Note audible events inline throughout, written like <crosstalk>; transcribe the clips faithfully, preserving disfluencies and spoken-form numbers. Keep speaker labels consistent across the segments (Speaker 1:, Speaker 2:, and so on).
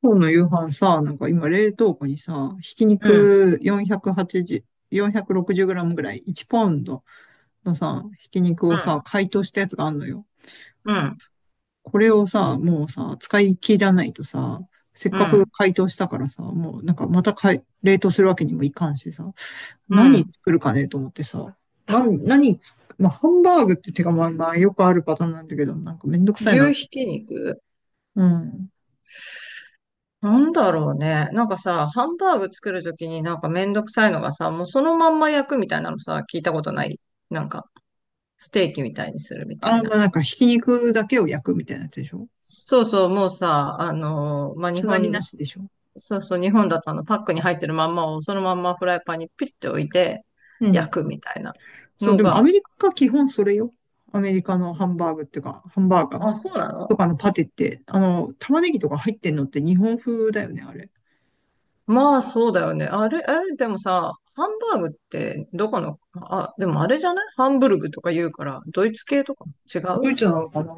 Speaker 1: 今日の夕飯さ、なんか今冷凍庫にさ、ひき
Speaker 2: うん、
Speaker 1: 肉よんひゃくはちじゅう、よんひゃくろくじゅうグラムぐらい、いちポンドのさ、ひき肉
Speaker 2: う
Speaker 1: をさ、
Speaker 2: ん、
Speaker 1: 解凍したやつがあるのよ。
Speaker 2: うん、
Speaker 1: これをさ、もうさ、使い切らないとさ、せっ
Speaker 2: う
Speaker 1: かく
Speaker 2: ん、
Speaker 1: 解凍したからさ、もうなんかまたかい冷凍するわけにもいかんしさ、
Speaker 2: う
Speaker 1: 何
Speaker 2: ん。
Speaker 1: 作るかねと思ってさ、な、何つ、まあ、ハンバーグって手がまあまあよくあるパターンなんだけど、なんかめんどくさいな。
Speaker 2: 牛ひき肉
Speaker 1: うん。
Speaker 2: なんだろうね。なんかさ、ハンバーグ作るときになんかめんどくさいのがさ、もうそのまんま焼くみたいなのさ、聞いたことない。なんか、ステーキみたいにするみたい
Speaker 1: あー、
Speaker 2: な。
Speaker 1: まあなんかひき肉だけを焼くみたいなやつでしょ？
Speaker 2: そうそう、もうさ、あのーまあ、日
Speaker 1: つなぎ
Speaker 2: 本、
Speaker 1: なしでしょ？
Speaker 2: そうそう、日本だとあの、パックに入ってるまんまをそのまんまフライパンにピッて置いて
Speaker 1: うん。
Speaker 2: 焼くみたいな
Speaker 1: そう、
Speaker 2: の
Speaker 1: でもアメ
Speaker 2: が、
Speaker 1: リカ基本それよ。アメリカのハンバーグっていうか、ハンバーガー
Speaker 2: あ、そうな
Speaker 1: と
Speaker 2: の？
Speaker 1: かのパテって、あの、玉ねぎとか入ってんのって日本風だよね、あれ。
Speaker 2: まあ、そうだよね。あれ、あれ、でもさ、ハンバーグって、どこの、あ、でもあれじゃないハンブルグとか言うから、ドイツ系とか違
Speaker 1: ド
Speaker 2: う？
Speaker 1: イツなのかな。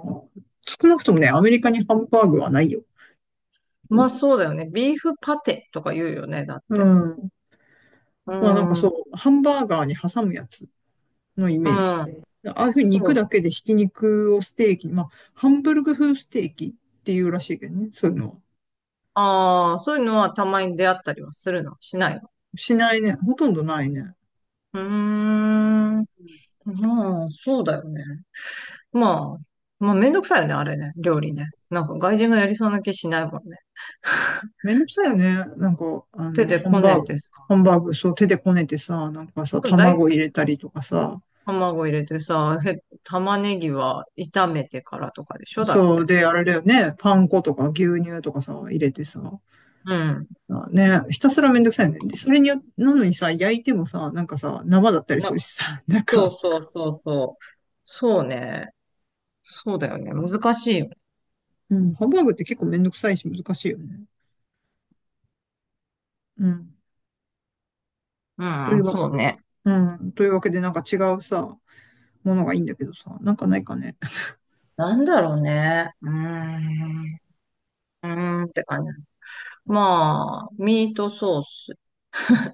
Speaker 1: 少なくともね、アメリカにハンバーグはないよ。
Speaker 2: まあ、そうだよね。ビーフパテとか言うよね、だっ
Speaker 1: う
Speaker 2: て。
Speaker 1: ん。
Speaker 2: うー
Speaker 1: まあなんか
Speaker 2: ん、う
Speaker 1: そう、ハンバーガーに挟むやつのイメージ。
Speaker 2: ん、
Speaker 1: ああいうふうに
Speaker 2: そ
Speaker 1: 肉だ
Speaker 2: う。
Speaker 1: けでひき肉をステーキに、まあ、ハンブルグ風ステーキっていうらしいけどね、そういうのは。
Speaker 2: ああ、そういうのはたまに出会ったりはするのしないの？
Speaker 1: しないね。ほとんどないね。
Speaker 2: うーん、まあ、そうだよね。まあ、まあ、めんどくさいよね、あれね、料理ね。なんか外人がやりそうな気しないもんね。
Speaker 1: めんどくさいよね。なんか、あ
Speaker 2: 手
Speaker 1: の、
Speaker 2: で
Speaker 1: ハン
Speaker 2: こ
Speaker 1: バー
Speaker 2: ね
Speaker 1: グ、
Speaker 2: てさ。
Speaker 1: ハンバーグ、そう、手でこねてさ、なんかさ、
Speaker 2: だ
Speaker 1: 卵入れたりとかさ、
Speaker 2: 卵入れてさ、へ玉ねぎは炒めてからとかでしょ？だっ
Speaker 1: そう、
Speaker 2: て。
Speaker 1: で、あれだよね、パン粉とか牛乳とかさ、入れてさ、
Speaker 2: うん。
Speaker 1: まあね、ひたすらめんどくさいよね。で、それによ、なのにさ、焼いてもさ、なんかさ、生だったりす
Speaker 2: な、
Speaker 1: るしさ、<laughs> なん
Speaker 2: そう
Speaker 1: か、
Speaker 2: そうそうそう。そうね。そうだよね。難しいよね。
Speaker 1: うん、ハンバーグって結構めんどくさいし難しいよね。うん。
Speaker 2: う
Speaker 1: という
Speaker 2: ん、
Speaker 1: わ、
Speaker 2: そうね。
Speaker 1: うん、というわけで、なんか違うさ、ものがいいんだけどさ、なんかないかね。
Speaker 2: なんだろうね。うーん。うーんって感じ。まあ、ミートソース、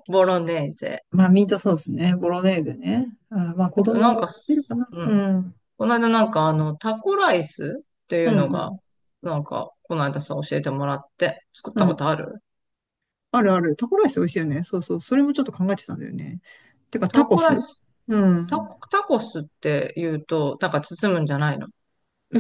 Speaker 2: ボロネーゼ。
Speaker 1: まあ、ミートソースね、ボロネーゼね。あ、まあ、子
Speaker 2: あと、なん
Speaker 1: 供、
Speaker 2: か
Speaker 1: いるか
Speaker 2: す、
Speaker 1: な。
Speaker 2: う
Speaker 1: う
Speaker 2: ん。
Speaker 1: ん。
Speaker 2: この間なんかあの、タコライスっていう
Speaker 1: う
Speaker 2: の
Speaker 1: んう
Speaker 2: が、
Speaker 1: ん。
Speaker 2: なんか、この間さ、教えてもらって、作った
Speaker 1: う
Speaker 2: こ
Speaker 1: ん。
Speaker 2: とある？
Speaker 1: あるある。タコライス美味しいよね。そうそう。それもちょっと考えてたんだよね。てか、タ
Speaker 2: タ
Speaker 1: コ
Speaker 2: コライ
Speaker 1: ス。
Speaker 2: ス
Speaker 1: う
Speaker 2: タ
Speaker 1: ん。
Speaker 2: コ、タコスって言うと、なんか包むんじゃないの？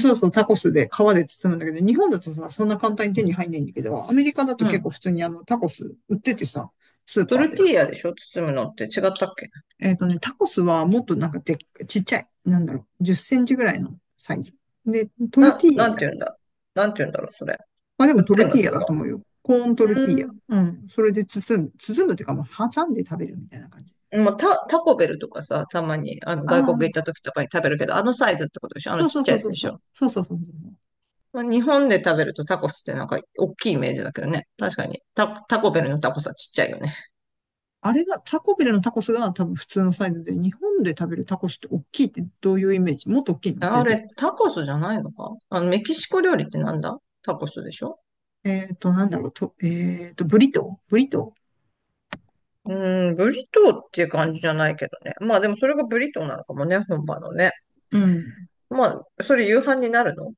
Speaker 1: そうそう、タコスで皮で包むんだけど、日本だとさ、そんな簡単に手に入んないんだけど、アメリカだと
Speaker 2: う
Speaker 1: 結構
Speaker 2: ん。
Speaker 1: 普通にあの、タコス売っててさ、スー
Speaker 2: ト
Speaker 1: パー
Speaker 2: ル
Speaker 1: で。
Speaker 2: ティーヤでしょ？包むのって違ったっけ？
Speaker 1: えっとね、タコスはもっとなんかでっ、ちっちゃい。なんだろう、じゅっセンチぐらいのサイズ。で、トルテ
Speaker 2: な、
Speaker 1: ィーヤ。
Speaker 2: なんて言うんだなんて言うんだろう、それ。
Speaker 1: まあでも
Speaker 2: 売っ
Speaker 1: ト
Speaker 2: て
Speaker 1: ル
Speaker 2: んの、
Speaker 1: ティー
Speaker 2: そ
Speaker 1: ヤ
Speaker 2: れ
Speaker 1: だ
Speaker 2: が？
Speaker 1: と思うよ。コーントルティーヤ。
Speaker 2: うん。
Speaker 1: うん。それで包む、包むっていうか、まあ挟んで食べるみたいな感じ。
Speaker 2: もうタ、タコベルとかさ、たまに、あの、
Speaker 1: あ
Speaker 2: 外国行っ
Speaker 1: あ、
Speaker 2: た時とかに食べるけど、あのサイズってことでしょ？あの
Speaker 1: そう
Speaker 2: ち
Speaker 1: そ
Speaker 2: っ
Speaker 1: う
Speaker 2: ちゃ
Speaker 1: そ
Speaker 2: い
Speaker 1: う
Speaker 2: やつ
Speaker 1: そう
Speaker 2: でし
Speaker 1: そ
Speaker 2: ょ？
Speaker 1: う。そうそうそうそう。
Speaker 2: まあ、日本で食べるとタコスってなんか大きいイメージだけどね。確かに。タ、タコベルのタコスはちっちゃいよね。
Speaker 1: あれが、タコビルのタコスが多分普通のサイズで、日本で食べるタコスって大きいってどういうイメージ？もっと大きいの？全
Speaker 2: あ
Speaker 1: 然。
Speaker 2: れ、タコスじゃないのか？あの、メキシコ料理ってなんだ、タコスでしょ？
Speaker 1: えっと、なんだろう、と、えっと、ブリトーブリト
Speaker 2: うん、ブリトーっていう感じじゃないけどね。まあでもそれがブリトーなのかもね、本場のね。
Speaker 1: ー。うん。
Speaker 2: まあ、それ夕飯になるの？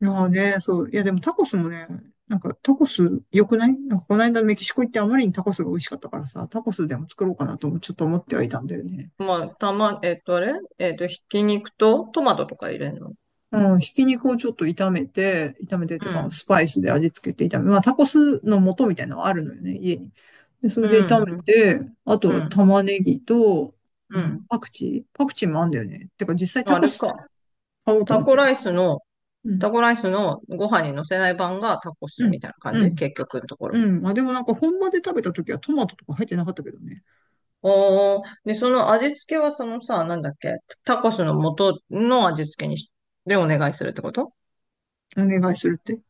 Speaker 1: まあね、そう。いや、でもタコスもね、なんかタコス良くない？なんかこの間メキシコ行ってあまりにタコスが美味しかったからさ、タコスでも作ろうかなともちょっと思ってはいたんだよね。
Speaker 2: まあ、たま、えっと、あれえっと、ひき肉とトマトとか入れるの？
Speaker 1: うん、ひき肉をちょっと炒めて、炒めてっていう
Speaker 2: う
Speaker 1: か、
Speaker 2: ん、
Speaker 1: スパイスで味付けて炒め、まあ、タコスの素みたいなのはあるのよね、家に。で、そ
Speaker 2: う
Speaker 1: れで
Speaker 2: ん、
Speaker 1: 炒め
Speaker 2: うん、
Speaker 1: て、あと
Speaker 2: う
Speaker 1: は
Speaker 2: ん、
Speaker 1: 玉ねぎと、あ
Speaker 2: う
Speaker 1: の、
Speaker 2: ん。
Speaker 1: パクチーパクチーもあんだよね。てか、実際タ
Speaker 2: あ
Speaker 1: コ
Speaker 2: れ
Speaker 1: ス
Speaker 2: か。
Speaker 1: 買おうと
Speaker 2: タ
Speaker 1: 思っ
Speaker 2: コ
Speaker 1: てる。
Speaker 2: ライスの、
Speaker 1: うん、
Speaker 2: タコライスのご飯に乗せない版がタコス
Speaker 1: う
Speaker 2: み
Speaker 1: ん、
Speaker 2: たいな感
Speaker 1: う
Speaker 2: じ、
Speaker 1: ん、
Speaker 2: 結局のところ。
Speaker 1: うん。まあ、でもなんか本場で食べた時はトマトとか入ってなかったけどね。
Speaker 2: おー、で、その味付けはそのさ、なんだっけ？タコスの元の味付けにし、でお願いするってこと？
Speaker 1: お願いするって。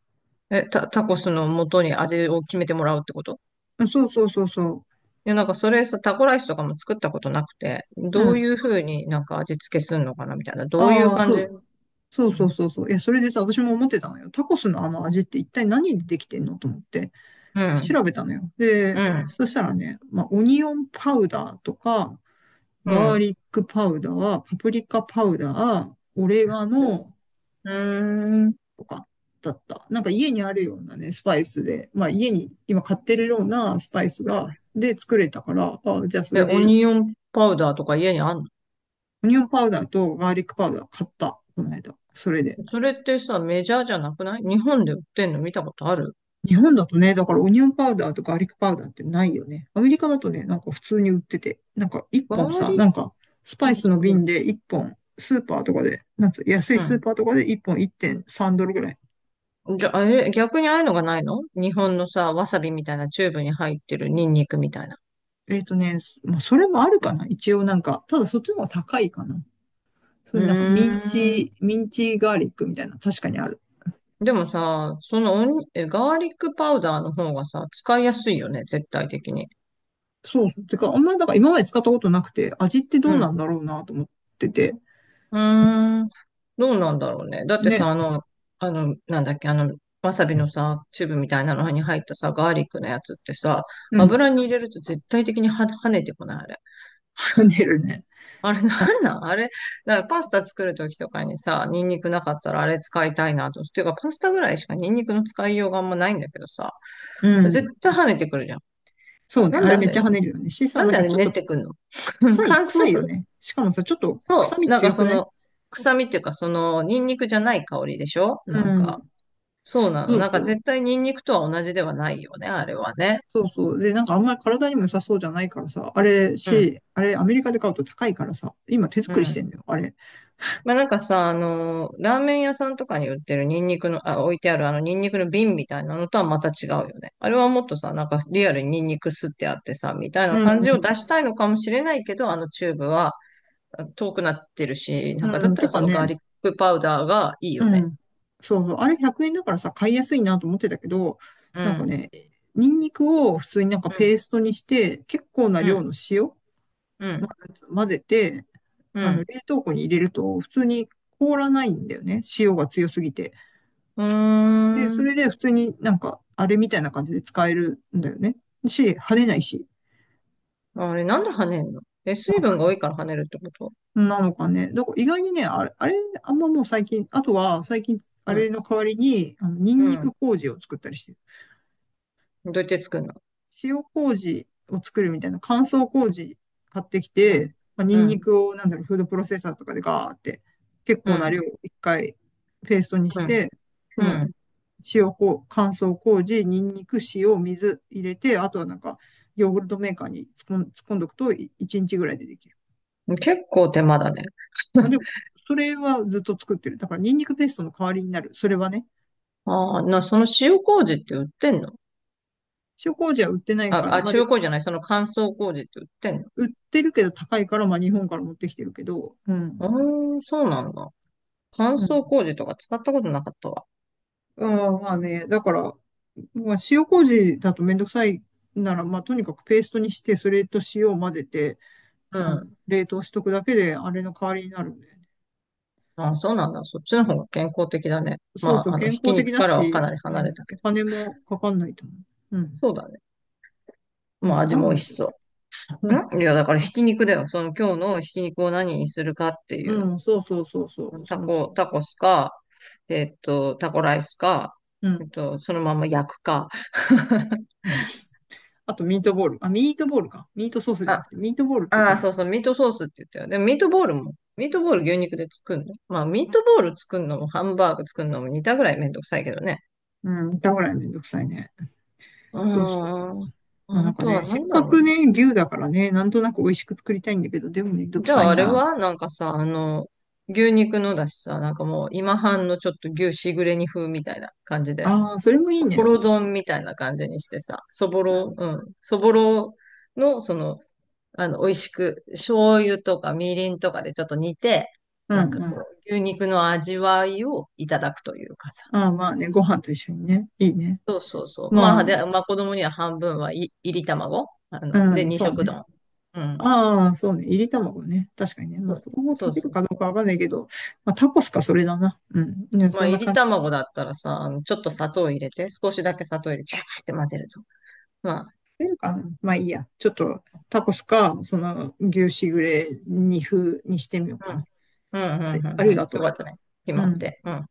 Speaker 2: え、タ、タコスの元に味を決めてもらうってこと？
Speaker 1: うん、そうそうそうそ
Speaker 2: いや、なんかそれさ、タコライスとかも作ったことなくて、
Speaker 1: う。う
Speaker 2: どうい
Speaker 1: ん。
Speaker 2: うふうになんか味付けするのかなみたいな。どういう
Speaker 1: ああ、
Speaker 2: 感
Speaker 1: そ
Speaker 2: じ？
Speaker 1: う。
Speaker 2: う
Speaker 1: そうそう
Speaker 2: ん。
Speaker 1: そうそう。いや、それでさ、私も思ってたのよ。タコスのあの味って一体何でできてんのと思って。
Speaker 2: うん。
Speaker 1: 調べたのよ。で、
Speaker 2: うん。
Speaker 1: そしたらね、まあ、オニオンパウダーとか、
Speaker 2: う
Speaker 1: ガー
Speaker 2: ん。
Speaker 1: リックパウダー、パプリカパウダー、オレガノ
Speaker 2: うーん。う
Speaker 1: とかだった。なんか家にあるようなね、スパイスで、まあ家に今買ってるようなスパイス
Speaker 2: ーん。
Speaker 1: が、で作れたから、あ、じゃあそ
Speaker 2: え、
Speaker 1: れ
Speaker 2: オ
Speaker 1: で、
Speaker 2: ニオンパウダーとか家にあんの？
Speaker 1: オニオンパウダーとガーリックパウダー買った、この間。それで。
Speaker 2: それってさ、メジャーじゃなくない？日本で売ってんの見たことある？
Speaker 1: 日本だとね、だからオニオンパウダーとかガーリックパウダーってないよね。アメリカだとね、なんか普通に売ってて、なんか一
Speaker 2: ガ
Speaker 1: 本
Speaker 2: ー
Speaker 1: さ、
Speaker 2: リッ
Speaker 1: な
Speaker 2: ク
Speaker 1: んかス
Speaker 2: パ
Speaker 1: パイ
Speaker 2: ウ
Speaker 1: スの
Speaker 2: ダー。
Speaker 1: 瓶で一本、スーパーとかで、なんつう、安い
Speaker 2: う
Speaker 1: スー
Speaker 2: ん。
Speaker 1: パーとかで一本いってんさんドルぐらい。
Speaker 2: うん。じゃあ、え、逆にああいうのがないの？日本のさ、わさびみたいなチューブに入ってるニンニクみたいな。
Speaker 1: えっとね、まあ、それもあるかな一応なんか、ただそっちの方が高いかな。そ
Speaker 2: う
Speaker 1: れなんかミン
Speaker 2: ーん。
Speaker 1: チ、ミンチガーリックみたいな、確かにある。
Speaker 2: でもさ、そのおにえガーリックパウダーの方がさ、使いやすいよね、絶対的に。
Speaker 1: そうそう。てか、あんまりだから今まで使ったことなくて、味ってど
Speaker 2: う
Speaker 1: うな
Speaker 2: ん。
Speaker 1: んだろうなと思ってて。
Speaker 2: うーん、どうなんだろうね。だってさ、
Speaker 1: ね。
Speaker 2: あの、あの、なんだっけ、あの、わさびのさ、チューブみたいなのに入ったさ、ガーリックのやつってさ、
Speaker 1: うん。
Speaker 2: 油に入れると絶対的には跳ねてこない、あれ。
Speaker 1: <laughs> 跳ねるね。
Speaker 2: あれなんなん、あれ？だからパスタ作るときとかにさ、ニンニクなかったらあれ使いたいなと。ていうか、パスタぐらいしかニンニクの使いようがあんまないんだけどさ、
Speaker 1: う
Speaker 2: 絶
Speaker 1: ん。
Speaker 2: 対跳ねてくるじゃん。
Speaker 1: そうね。
Speaker 2: なん
Speaker 1: あ
Speaker 2: で
Speaker 1: れ
Speaker 2: あ
Speaker 1: めっちゃ
Speaker 2: れ
Speaker 1: 跳ねるよね。しさ、
Speaker 2: なん
Speaker 1: なん
Speaker 2: であ
Speaker 1: か
Speaker 2: れ
Speaker 1: ちょっ
Speaker 2: 練っ
Speaker 1: と
Speaker 2: てくんの？ <laughs>
Speaker 1: 臭い、
Speaker 2: 乾
Speaker 1: 臭
Speaker 2: 燥
Speaker 1: いよ
Speaker 2: さ、
Speaker 1: ね。しかもさ、ちょっと臭
Speaker 2: そう、
Speaker 1: み
Speaker 2: なんか
Speaker 1: 強く
Speaker 2: そ
Speaker 1: ない？
Speaker 2: の、臭みっていうか、その、ニンニクじゃない香りでしょ？
Speaker 1: う
Speaker 2: なんか、
Speaker 1: ん。
Speaker 2: そうなの。
Speaker 1: そう
Speaker 2: なんか
Speaker 1: そう。
Speaker 2: 絶対ニンニクとは同じではないよね、あれはね。
Speaker 1: そうそう。で、なんかあんまり体にも良さそうじゃないからさ、あれ
Speaker 2: うん、
Speaker 1: し、あれアメリカで買うと高いからさ、今手
Speaker 2: う
Speaker 1: 作りして
Speaker 2: ん。
Speaker 1: んだよ、あれ。
Speaker 2: まあなんかさ、あのー、ラーメン屋さんとかに売ってるニンニクの、あ、置いてあるあのニンニクの瓶みたいなのとはまた違うよね。あれはもっとさ、なんかリアルにニンニク吸ってあってさ、みたい
Speaker 1: う
Speaker 2: な感じを
Speaker 1: ん。
Speaker 2: 出したいのかもしれないけど、あのチューブはあ遠くなってるし、
Speaker 1: う
Speaker 2: なん
Speaker 1: ん。
Speaker 2: かだ
Speaker 1: う
Speaker 2: っ
Speaker 1: ん。
Speaker 2: た
Speaker 1: て
Speaker 2: らそ
Speaker 1: か
Speaker 2: のガー
Speaker 1: ね、
Speaker 2: リックパウダーがいいよ
Speaker 1: う
Speaker 2: ね。
Speaker 1: ん。そうそう。あれひゃくえんだからさ、買いやすいなと思ってたけど、
Speaker 2: う
Speaker 1: なんか
Speaker 2: ん、
Speaker 1: ね、ニンニクを普通になんか
Speaker 2: う
Speaker 1: ペ
Speaker 2: ん、
Speaker 1: ーストにして、結構な
Speaker 2: う
Speaker 1: 量
Speaker 2: ん、
Speaker 1: の塩
Speaker 2: うん、
Speaker 1: 混ぜて、
Speaker 2: う
Speaker 1: あの、
Speaker 2: ん。
Speaker 1: 冷凍庫に入れると、普通に凍らないんだよね。塩が強すぎて。
Speaker 2: うー
Speaker 1: で、そ
Speaker 2: ん。
Speaker 1: れで普通になんか、あれみたいな感じで使えるんだよね。し、跳ねないし。
Speaker 2: あれ、なんで跳ねんの？え、水分が多いから跳ねるってこと？
Speaker 1: なのかね。だから意外にね、あれ、あれ、あんまもう最近、あとは最近、あ
Speaker 2: う
Speaker 1: れ
Speaker 2: ん、
Speaker 1: の代わりに、あの、ニン
Speaker 2: う
Speaker 1: ニ
Speaker 2: ん。
Speaker 1: ク麹を作ったりしてる。
Speaker 2: どうやって作るの？
Speaker 1: 塩麹を作るみたいな乾燥麹買ってき
Speaker 2: うん、
Speaker 1: て、まあ、ニ
Speaker 2: う
Speaker 1: ンニ
Speaker 2: ん、
Speaker 1: クを、なんだろう、フードプロセッサーとかでガーって、結
Speaker 2: う
Speaker 1: 構な
Speaker 2: ん、
Speaker 1: 量を一回ペーストにし
Speaker 2: うん、
Speaker 1: て、その
Speaker 2: う
Speaker 1: 塩こう、乾燥麹、ニンニク、塩、水入れて、あとはなんか、ヨーグルトメーカーに突っ込ん突っんどくと、いちにちぐらいでできる。
Speaker 2: ん。結構手間だね。
Speaker 1: まあ、でも、
Speaker 2: <laughs>
Speaker 1: それはずっと作ってる。だから、ニンニクペーストの代わりになる。それはね。
Speaker 2: ああ、な、その塩麹って売ってんの？
Speaker 1: 塩麹は売ってない
Speaker 2: あ、
Speaker 1: から、
Speaker 2: あ、
Speaker 1: まあ、で、
Speaker 2: 塩麹じゃない、その乾燥麹って売ってんの？
Speaker 1: 売ってるけど高いから、まあ、日本から持ってきてるけど、う
Speaker 2: う
Speaker 1: ん。
Speaker 2: ーん、そうなんだ。乾
Speaker 1: うん。
Speaker 2: 燥麹とか使ったことなかったわ。
Speaker 1: あまあね、だから、まあ、塩麹だとめんどくさいなら、まあ、とにかくペーストにして、それと塩を混ぜて、
Speaker 2: う
Speaker 1: あ
Speaker 2: ん。
Speaker 1: の、冷凍しとくだけで、あれの代わりになるんだよね。
Speaker 2: あ、そうなんだ。そっちの方が健康的だね。
Speaker 1: そう
Speaker 2: ま
Speaker 1: そう、
Speaker 2: あ、あの、
Speaker 1: 健
Speaker 2: ひき
Speaker 1: 康的
Speaker 2: 肉
Speaker 1: だ
Speaker 2: からはか
Speaker 1: し、
Speaker 2: なり
Speaker 1: う
Speaker 2: 離れ
Speaker 1: ん、
Speaker 2: たけ
Speaker 1: お
Speaker 2: ど。
Speaker 1: 金もかかんないと思う。うん、
Speaker 2: そうだね。
Speaker 1: う
Speaker 2: もう
Speaker 1: ん、
Speaker 2: 味
Speaker 1: 何
Speaker 2: も
Speaker 1: の
Speaker 2: 美味
Speaker 1: 話
Speaker 2: し
Speaker 1: だっ
Speaker 2: そ
Speaker 1: たっけ？
Speaker 2: う。んいや、だから
Speaker 1: <laughs>
Speaker 2: ひ
Speaker 1: あ
Speaker 2: き肉だよ。その今日のひき肉を何にするかってい
Speaker 1: う
Speaker 2: う。
Speaker 1: ん、そうそうそうそう、
Speaker 2: タ
Speaker 1: そうそ
Speaker 2: コ、
Speaker 1: う
Speaker 2: タ
Speaker 1: そ
Speaker 2: コスか、えっと、タコライスか、
Speaker 1: う。う
Speaker 2: え
Speaker 1: ん。
Speaker 2: っと、そのまま焼くか。<laughs>
Speaker 1: <laughs> あと、ミートボール。あ、ミートボールか。ミートソースじゃな
Speaker 2: あ、
Speaker 1: くて、ミートボールって
Speaker 2: あ
Speaker 1: で
Speaker 2: あ
Speaker 1: も、
Speaker 2: そうそう、ミートソースって言ったよ。でもミートボールも、ミートボール、牛肉で作るの？まあ、ミートボール作るのもハンバーグ作るのも似たぐらいめんどくさいけどね。
Speaker 1: うん、だぐらいめんどくさいね。
Speaker 2: う
Speaker 1: そうそう。
Speaker 2: ーん。
Speaker 1: まあな
Speaker 2: あ
Speaker 1: んか
Speaker 2: とは
Speaker 1: ね、せ
Speaker 2: 何
Speaker 1: っ
Speaker 2: だ
Speaker 1: か
Speaker 2: ろう
Speaker 1: く
Speaker 2: ね。
Speaker 1: ね、牛だからね、なんとなく美味しく作りたいんだけど、でもめんどく
Speaker 2: じゃ
Speaker 1: さ
Speaker 2: あ
Speaker 1: い
Speaker 2: あれ
Speaker 1: な。
Speaker 2: はなんかさ、あの、牛肉のだしさ、なんかもう今半のちょっと牛しぐれ煮風みたいな感じで、
Speaker 1: ああ、それもいい
Speaker 2: そぼ
Speaker 1: ね。
Speaker 2: ろ丼みたいな感じにしてさ、そぼ
Speaker 1: う
Speaker 2: ろ、
Speaker 1: ん、
Speaker 2: うん、そぼろのその、あの、美味しく、醤油とかみりんとかでちょっと煮て、
Speaker 1: う
Speaker 2: なんか
Speaker 1: ん、う
Speaker 2: こ
Speaker 1: ん。
Speaker 2: う、牛肉の味わいをいただくというかさ。
Speaker 1: ああ、まあね、ご飯と一緒にね。いいね。
Speaker 2: そうそうそう。
Speaker 1: ま
Speaker 2: ま
Speaker 1: あ、
Speaker 2: あ、で、まあ子供には半分はい、いり卵あ
Speaker 1: う
Speaker 2: の、で、
Speaker 1: ん、
Speaker 2: 二
Speaker 1: そう
Speaker 2: 色
Speaker 1: ね。
Speaker 2: 丼。うん。
Speaker 1: ああ、そうね。入り卵ね。確かにね。ま
Speaker 2: そ
Speaker 1: あ、子供食
Speaker 2: う
Speaker 1: べ
Speaker 2: そ
Speaker 1: る
Speaker 2: う
Speaker 1: か
Speaker 2: そ
Speaker 1: ど
Speaker 2: う。
Speaker 1: うかわかんないけど、まあ、タコスか、それだな。うん。ね、
Speaker 2: ま
Speaker 1: そ
Speaker 2: あ、
Speaker 1: ん
Speaker 2: い
Speaker 1: な
Speaker 2: り
Speaker 1: 感じ。
Speaker 2: 卵だったらさ、あの、ちょっと砂糖を入れて、少しだけ砂糖入れて、ジャーって混ぜると。まあ、
Speaker 1: 出るかな。まあ、いいや。ちょっと、タコスか、その、牛しぐれ、二風にしてみようか
Speaker 2: うん。
Speaker 1: な。
Speaker 2: うん、
Speaker 1: あ
Speaker 2: う
Speaker 1: り
Speaker 2: ん、う
Speaker 1: あ
Speaker 2: ん、う
Speaker 1: り
Speaker 2: ん。
Speaker 1: が
Speaker 2: よかっ
Speaker 1: と
Speaker 2: たね。決
Speaker 1: う。う
Speaker 2: まっ
Speaker 1: ん。
Speaker 2: て。うん。